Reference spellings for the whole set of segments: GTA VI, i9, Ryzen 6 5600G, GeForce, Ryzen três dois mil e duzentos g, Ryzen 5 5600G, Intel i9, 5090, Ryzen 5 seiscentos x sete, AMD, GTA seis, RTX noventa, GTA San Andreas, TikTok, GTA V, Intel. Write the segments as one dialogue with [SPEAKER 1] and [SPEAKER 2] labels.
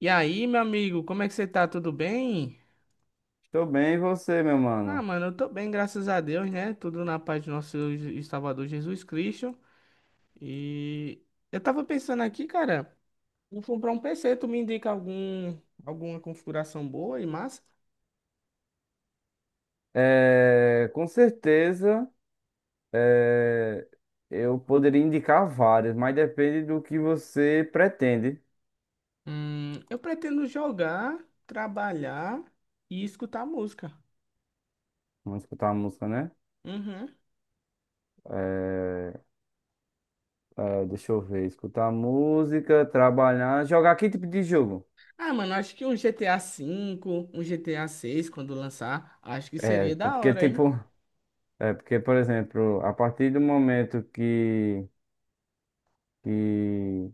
[SPEAKER 1] E aí, meu amigo, como é que você tá? Tudo bem?
[SPEAKER 2] Tô bem, e você, meu
[SPEAKER 1] Ah,
[SPEAKER 2] mano?
[SPEAKER 1] mano, eu tô bem, graças a Deus, né? Tudo na paz do nosso Salvador Jesus Cristo. E eu tava pensando aqui, cara, vou comprar um PC, tu me indica alguma configuração boa e massa?
[SPEAKER 2] Com certeza, é, eu poderia indicar várias, mas depende do que você pretende.
[SPEAKER 1] Eu pretendo jogar, trabalhar e escutar música.
[SPEAKER 2] Vamos escutar a música, né?
[SPEAKER 1] Uhum.
[SPEAKER 2] É, Deixa eu ver, escutar música, trabalhar, jogar que tipo de jogo?
[SPEAKER 1] Ah, mano, acho que um GTA V, um GTA 6, quando lançar, acho que
[SPEAKER 2] É,
[SPEAKER 1] seria da
[SPEAKER 2] porque
[SPEAKER 1] hora, hein?
[SPEAKER 2] tipo, é porque, por exemplo, a partir do momento que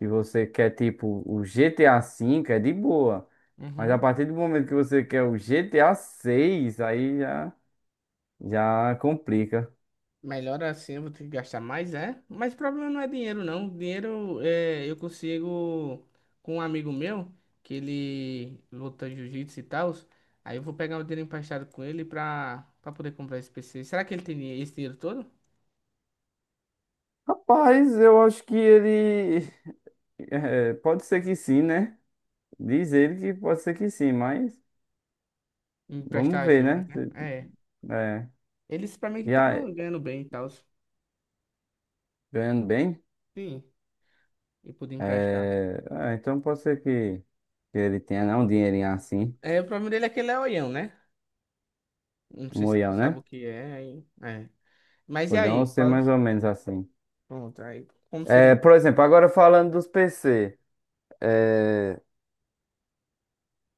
[SPEAKER 2] e você quer tipo o GTA V, é de boa. Mas a
[SPEAKER 1] Uhum.
[SPEAKER 2] partir do momento que você quer o GTA seis, aí já complica.
[SPEAKER 1] Melhor assim, eu vou ter que gastar mais, é? Mas o problema não é dinheiro, não. Dinheiro é, eu consigo com um amigo meu, que ele luta jiu-jitsu e tal. Aí eu vou pegar o dinheiro emprestado com ele pra poder comprar esse PC. Será que ele tem esse dinheiro todo?
[SPEAKER 2] Rapaz, eu acho que ele. Pode ser que sim, né? Diz ele que pode ser que sim, mas vamos
[SPEAKER 1] Emprestar
[SPEAKER 2] ver,
[SPEAKER 1] juros,
[SPEAKER 2] né?
[SPEAKER 1] né?
[SPEAKER 2] Se-
[SPEAKER 1] É.
[SPEAKER 2] É,
[SPEAKER 1] Ele disse pra mim que
[SPEAKER 2] e aí,
[SPEAKER 1] tava ganhando bem e tal.
[SPEAKER 2] ganhando bem?
[SPEAKER 1] Sim, e pude emprestar.
[SPEAKER 2] É, então pode ser que ele tenha, não, um dinheirinho assim,
[SPEAKER 1] É, o problema dele é que ele é oião, né? Não
[SPEAKER 2] um
[SPEAKER 1] sei se tu
[SPEAKER 2] olhão,
[SPEAKER 1] sabe
[SPEAKER 2] né?
[SPEAKER 1] o que é, aí. É. Mas e
[SPEAKER 2] Olhão ou
[SPEAKER 1] aí?
[SPEAKER 2] ser
[SPEAKER 1] Qual...
[SPEAKER 2] mais ou menos assim.
[SPEAKER 1] Pronto, aí. Como seria?
[SPEAKER 2] Por exemplo, agora falando dos PC. É,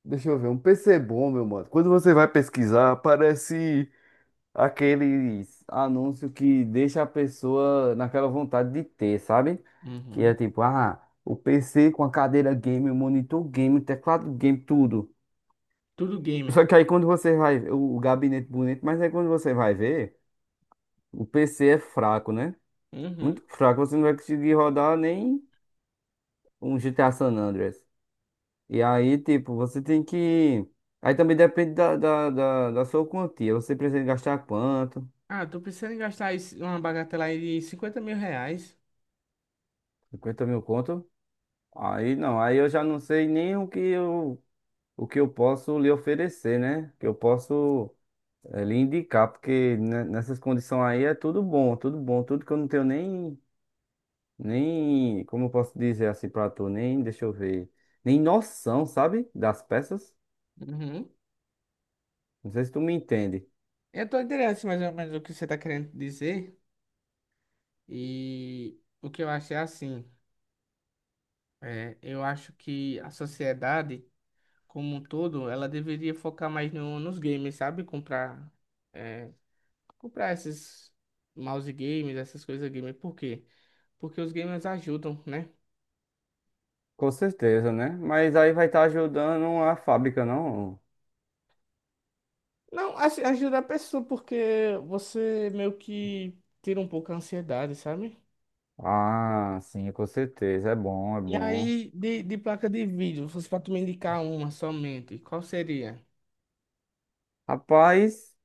[SPEAKER 2] Deixa eu ver, um PC bom, meu mano. Quando você vai pesquisar, aparece aqueles anúncios que deixa a pessoa naquela vontade de ter, sabe? Que é
[SPEAKER 1] Uhum.
[SPEAKER 2] tipo, ah, o PC com a cadeira game, o monitor game, o teclado game, tudo.
[SPEAKER 1] Tudo gamer.
[SPEAKER 2] Só que aí quando você vai, o gabinete bonito, mas aí quando você vai ver, o PC é fraco, né?
[SPEAKER 1] Uhum.
[SPEAKER 2] Muito fraco, você não vai conseguir rodar nem um GTA San Andreas. E aí, tipo, você tem que. Aí também depende da sua quantia. Você precisa gastar quanto?
[SPEAKER 1] Ah, tô pensando em gastar uma bagatela aí de 50 mil reais.
[SPEAKER 2] 50 mil conto? Aí não, aí eu já não sei nem o que eu posso lhe oferecer, né? Que eu posso lhe indicar, porque nessas condições aí é tudo bom, tudo bom, tudo que eu não tenho nem, como eu posso dizer assim pra tu, nem, deixa eu ver, nem noção, sabe? Das peças.
[SPEAKER 1] Uhum.
[SPEAKER 2] Não sei se tu me entende.
[SPEAKER 1] Eu tô interessado mais ou menos o que você tá querendo dizer. E o que eu acho é assim. É, eu acho que a sociedade, como um todo, ela deveria focar mais no, nos games, sabe? É, comprar esses mouse games, essas coisas gamer. Por quê? Porque os gamers ajudam, né?
[SPEAKER 2] Com certeza, né? Mas aí vai estar ajudando a fábrica, não?
[SPEAKER 1] Não, assim, ajuda a pessoa porque você meio que tira um pouco a ansiedade, sabe?
[SPEAKER 2] Ah, sim, com certeza. É bom, é
[SPEAKER 1] E
[SPEAKER 2] bom.
[SPEAKER 1] aí, de placa de vídeo, se fosse pra tu me indicar uma somente, qual seria?
[SPEAKER 2] Rapaz,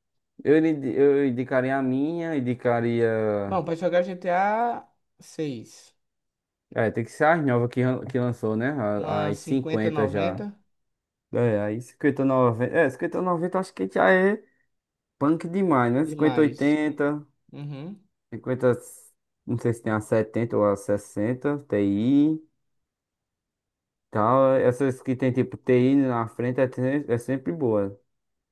[SPEAKER 2] eu indicaria a minha, indicaria.
[SPEAKER 1] Bom, pra jogar GTA 6,
[SPEAKER 2] Tem que ser as novas que lançou, né?
[SPEAKER 1] uma
[SPEAKER 2] As 50 já.
[SPEAKER 1] 5090
[SPEAKER 2] Aí 5090. 5090, acho que já é punk demais, né? cinquenta
[SPEAKER 1] demais.
[SPEAKER 2] oitenta
[SPEAKER 1] Uhum.
[SPEAKER 2] cinquenta. Não sei se tem a 70 ou a 60 TI. Tal, essas que tem tipo TI na frente é sempre boa.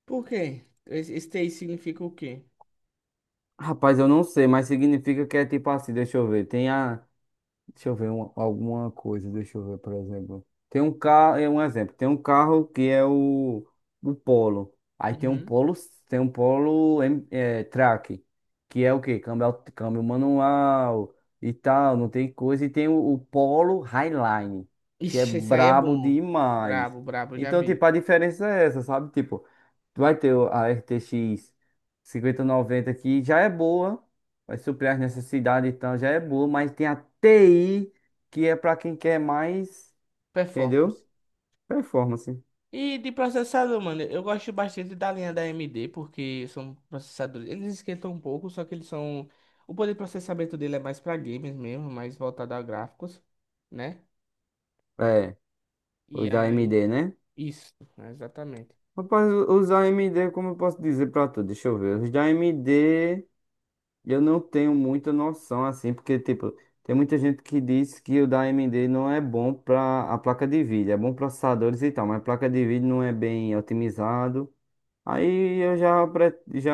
[SPEAKER 1] Por quê? Esse TI significa o quê?
[SPEAKER 2] Rapaz, eu não sei, mas significa que é tipo assim, deixa eu ver, tem a, deixa eu ver alguma coisa, deixa eu ver, por exemplo. Tem um carro, é um exemplo, tem um carro que é o Polo. Aí
[SPEAKER 1] Uhum.
[SPEAKER 2] Tem um Polo Track, que é o quê? Câmbio, câmbio manual e tal, não tem coisa. E tem o Polo Highline, que é
[SPEAKER 1] Ixi, esse aí é
[SPEAKER 2] brabo
[SPEAKER 1] bom.
[SPEAKER 2] demais.
[SPEAKER 1] Brabo, brabo, já
[SPEAKER 2] Então, tipo,
[SPEAKER 1] vi.
[SPEAKER 2] a diferença é essa, sabe? Tipo, tu vai ter a RTX 90 aqui, já é boa, vai suprir as necessidades e tal, já é boa, mas tem a TI, que é pra quem quer mais,
[SPEAKER 1] Performance.
[SPEAKER 2] entendeu? Performance.
[SPEAKER 1] E de processador, mano, eu gosto bastante da linha da AMD, porque são processadores. Eles esquentam um pouco, só que eles são. O poder de processamento dele é mais pra games mesmo, mais voltado a gráficos, né?
[SPEAKER 2] É,
[SPEAKER 1] E
[SPEAKER 2] os da
[SPEAKER 1] aí.
[SPEAKER 2] AMD, né?
[SPEAKER 1] Isso, exatamente.
[SPEAKER 2] Rapaz, os da AMD, como eu posso dizer pra tu? Deixa eu ver. Os da AMD, eu não tenho muita noção assim, porque, tipo, tem muita gente que diz que o da AMD não é bom pra a placa de vídeo, é bom processadores e tal, mas a placa de vídeo não é bem otimizado. Aí eu já, pre- já,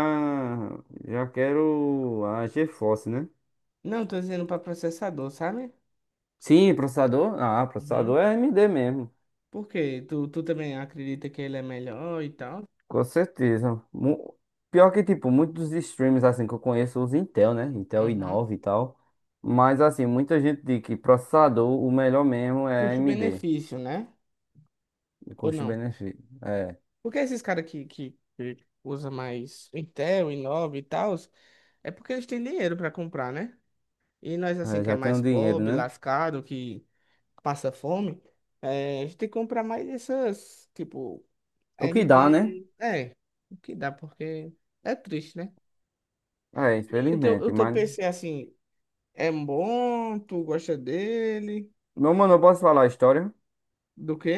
[SPEAKER 2] já quero a GeForce, né?
[SPEAKER 1] Não, tô dizendo pra processador, sabe?
[SPEAKER 2] Sim, processador. Ah,
[SPEAKER 1] Uhum.
[SPEAKER 2] processador é AMD mesmo.
[SPEAKER 1] Por quê? Tu também acredita que ele é melhor e tal?
[SPEAKER 2] Com certeza. Pior que, tipo, muitos streams assim que eu conheço usam Intel, né? Intel
[SPEAKER 1] Uhum.
[SPEAKER 2] i9 e tal. Mas, assim, muita gente diz que processador, o melhor mesmo é AMD.
[SPEAKER 1] Custo-benefício, né?
[SPEAKER 2] De
[SPEAKER 1] Ou não?
[SPEAKER 2] custo-benefício. É,
[SPEAKER 1] Porque esses caras que usam mais Intel, i9 e tal, é porque eles têm dinheiro pra comprar, né? E nós, assim, que é
[SPEAKER 2] Já tem
[SPEAKER 1] mais
[SPEAKER 2] o dinheiro,
[SPEAKER 1] pobre,
[SPEAKER 2] né?
[SPEAKER 1] lascado, que passa fome, a gente tem que comprar mais essas, tipo,
[SPEAKER 2] O que dá, né?
[SPEAKER 1] AMD. É, o que dá, porque é triste, né?
[SPEAKER 2] É,
[SPEAKER 1] E o
[SPEAKER 2] infelizmente.
[SPEAKER 1] teu
[SPEAKER 2] Mas,
[SPEAKER 1] PC, assim, é bom? Tu gosta dele?
[SPEAKER 2] meu mano, eu posso falar a história
[SPEAKER 1] Do quê?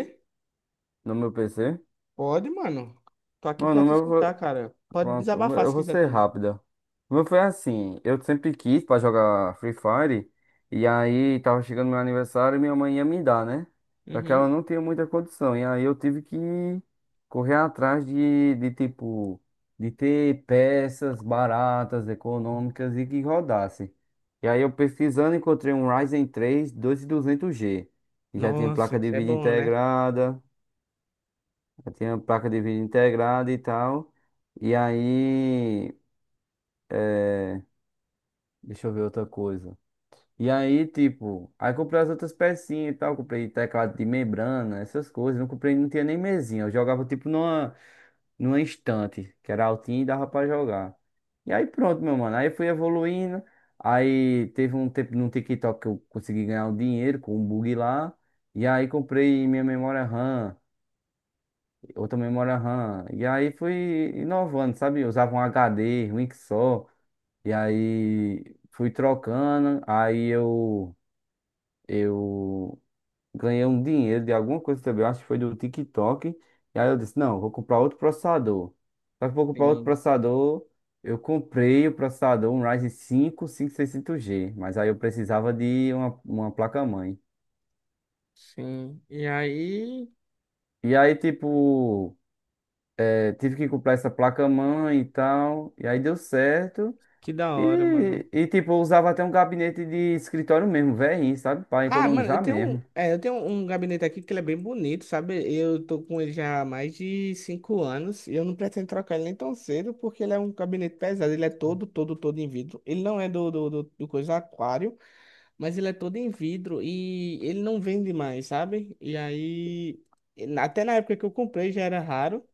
[SPEAKER 2] no meu PC?
[SPEAKER 1] Pode, mano. Tô aqui
[SPEAKER 2] Mano,
[SPEAKER 1] pra te escutar, cara. Pode
[SPEAKER 2] pronto,
[SPEAKER 1] desabafar
[SPEAKER 2] eu
[SPEAKER 1] se
[SPEAKER 2] vou
[SPEAKER 1] quiser
[SPEAKER 2] ser
[SPEAKER 1] também.
[SPEAKER 2] rápida. O meu foi assim, eu sempre quis pra jogar Free Fire, e aí tava chegando meu aniversário e minha mãe ia me dar, né? Só que ela
[SPEAKER 1] Uhum.
[SPEAKER 2] não tinha muita condição, e aí eu tive que correr atrás de ter peças baratas, econômicas e que rodasse. E aí eu pesquisando encontrei um Ryzen 3 2200 g que já tinha
[SPEAKER 1] Nossa,
[SPEAKER 2] placa de
[SPEAKER 1] isso é
[SPEAKER 2] vídeo
[SPEAKER 1] bom, né?
[SPEAKER 2] integrada, já tinha placa de vídeo integrada e tal. E aí é, deixa eu ver outra coisa. E aí, tipo, aí comprei as outras pecinhas e tal. Comprei teclado de membrana, essas coisas. Não comprei, não tinha nem mesinha. Eu jogava, tipo, numa estante, que era altinha e dava pra jogar. E aí, pronto, meu mano. Aí fui evoluindo. Aí teve um tempo no TikTok que eu consegui ganhar um dinheiro com um bug lá. E aí comprei minha memória RAM, outra memória RAM. E aí fui inovando, sabe? Eu usava um HD, ruim que só. E aí fui trocando, aí eu ganhei um dinheiro de alguma coisa também, eu acho que foi do TikTok. E aí eu disse, não, vou comprar outro processador. Só que vou comprar outro
[SPEAKER 1] Sim,
[SPEAKER 2] processador, eu comprei o processador, um Ryzen 5 5600G, mas aí eu precisava de uma placa-mãe.
[SPEAKER 1] sim. E aí,
[SPEAKER 2] E aí, tipo, tive que comprar essa placa-mãe e tal, e aí deu certo.
[SPEAKER 1] que da hora, mano.
[SPEAKER 2] Tipo, eu usava até um gabinete de escritório mesmo, velhinho, sabe? Para
[SPEAKER 1] Ah, mano, eu
[SPEAKER 2] economizar
[SPEAKER 1] tenho,
[SPEAKER 2] mesmo.
[SPEAKER 1] eu tenho um gabinete aqui que ele é bem bonito, sabe? Eu tô com ele já há mais de cinco anos e eu não pretendo trocar ele nem tão cedo porque ele é um gabinete pesado. Ele é todo em vidro. Ele não é do coisa aquário, mas ele é todo em vidro e ele não vende mais, sabe? E aí, e até na época que eu comprei já era raro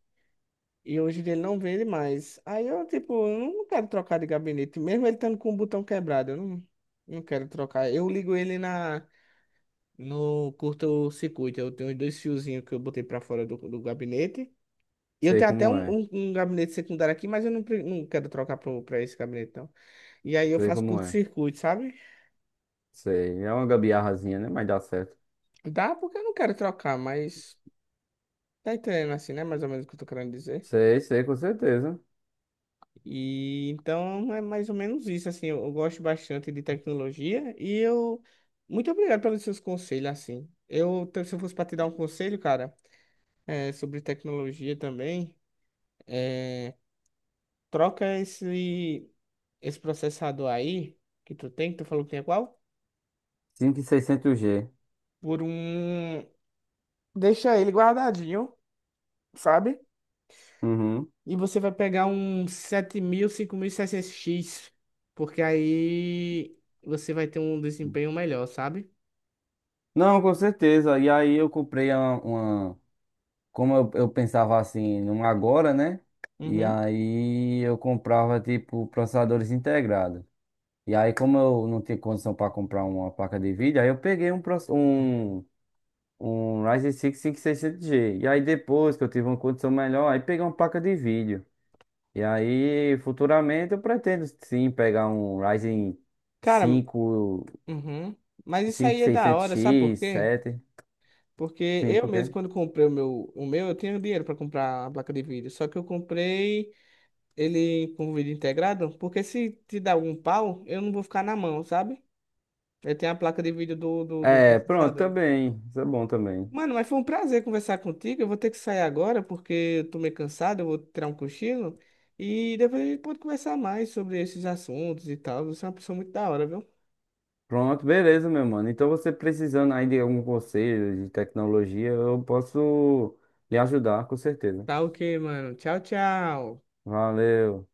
[SPEAKER 1] e hoje em dia ele não vende mais. Aí eu, tipo, eu não quero trocar de gabinete, mesmo ele estando com o botão quebrado, eu não, não quero trocar. Eu ligo ele na. No curto-circuito, eu tenho dois fiozinhos que eu botei pra fora do gabinete. E eu
[SPEAKER 2] Sei
[SPEAKER 1] tenho até
[SPEAKER 2] como é,
[SPEAKER 1] um gabinete secundário aqui, mas eu não, pre- não quero trocar pra esse gabinete, não. E aí eu
[SPEAKER 2] sei
[SPEAKER 1] faço
[SPEAKER 2] como é.
[SPEAKER 1] curto-circuito, sabe?
[SPEAKER 2] Sei, é uma gambiarrazinha, né? Mas dá certo.
[SPEAKER 1] Dá porque eu não quero trocar, mas tá entendendo assim, né? Mais ou menos o que eu tô querendo dizer.
[SPEAKER 2] Sei, sei, com certeza.
[SPEAKER 1] E então é mais ou menos isso, assim. Eu gosto bastante de tecnologia e eu. Muito obrigado pelos seus conselhos, assim. Eu, se eu fosse pra te dar um conselho, cara, é, sobre tecnologia também. é, Troca esse, esse processador aí que tu tem, que tu falou que é qual?
[SPEAKER 2] 5600G.
[SPEAKER 1] Por um. Deixa ele guardadinho, sabe?
[SPEAKER 2] Uhum.
[SPEAKER 1] E você vai pegar um 7000, 5600X, porque aí você vai ter um desempenho melhor, sabe?
[SPEAKER 2] Não, com certeza. E aí eu comprei como eu pensava assim, num agora, né? E
[SPEAKER 1] Uhum.
[SPEAKER 2] aí eu comprava tipo processadores integrados. E aí como eu não tinha condição para comprar uma placa de vídeo, aí eu peguei um Ryzen 6 5600G. E 600G. E aí depois que eu tive uma condição melhor, aí peguei uma placa de vídeo. E aí, futuramente eu pretendo sim pegar um Ryzen
[SPEAKER 1] Cara, uhum. Mas isso
[SPEAKER 2] 5,
[SPEAKER 1] aí é da
[SPEAKER 2] 600
[SPEAKER 1] hora, sabe por
[SPEAKER 2] x
[SPEAKER 1] quê?
[SPEAKER 2] 7.
[SPEAKER 1] Porque
[SPEAKER 2] Sim,
[SPEAKER 1] eu
[SPEAKER 2] por quê?
[SPEAKER 1] mesmo, quando comprei o meu, eu tinha dinheiro para comprar a placa de vídeo. Só que eu comprei ele com o vídeo integrado, porque se te dar algum pau, eu não vou ficar na mão, sabe? Eu tenho a placa de vídeo do
[SPEAKER 2] É, pronto,
[SPEAKER 1] processador.
[SPEAKER 2] também. Isso é bom também.
[SPEAKER 1] Mano, mas foi um prazer conversar contigo. Eu vou ter que sair agora porque eu tô meio cansado, eu vou tirar um cochilo. E depois a gente pode conversar mais sobre esses assuntos e tal. Você é uma pessoa muito da hora, viu?
[SPEAKER 2] Pronto, beleza, meu mano. Então você precisando aí de algum conselho de tecnologia, eu posso lhe ajudar, com certeza.
[SPEAKER 1] Tá ok, mano. Tchau, tchau.
[SPEAKER 2] Valeu.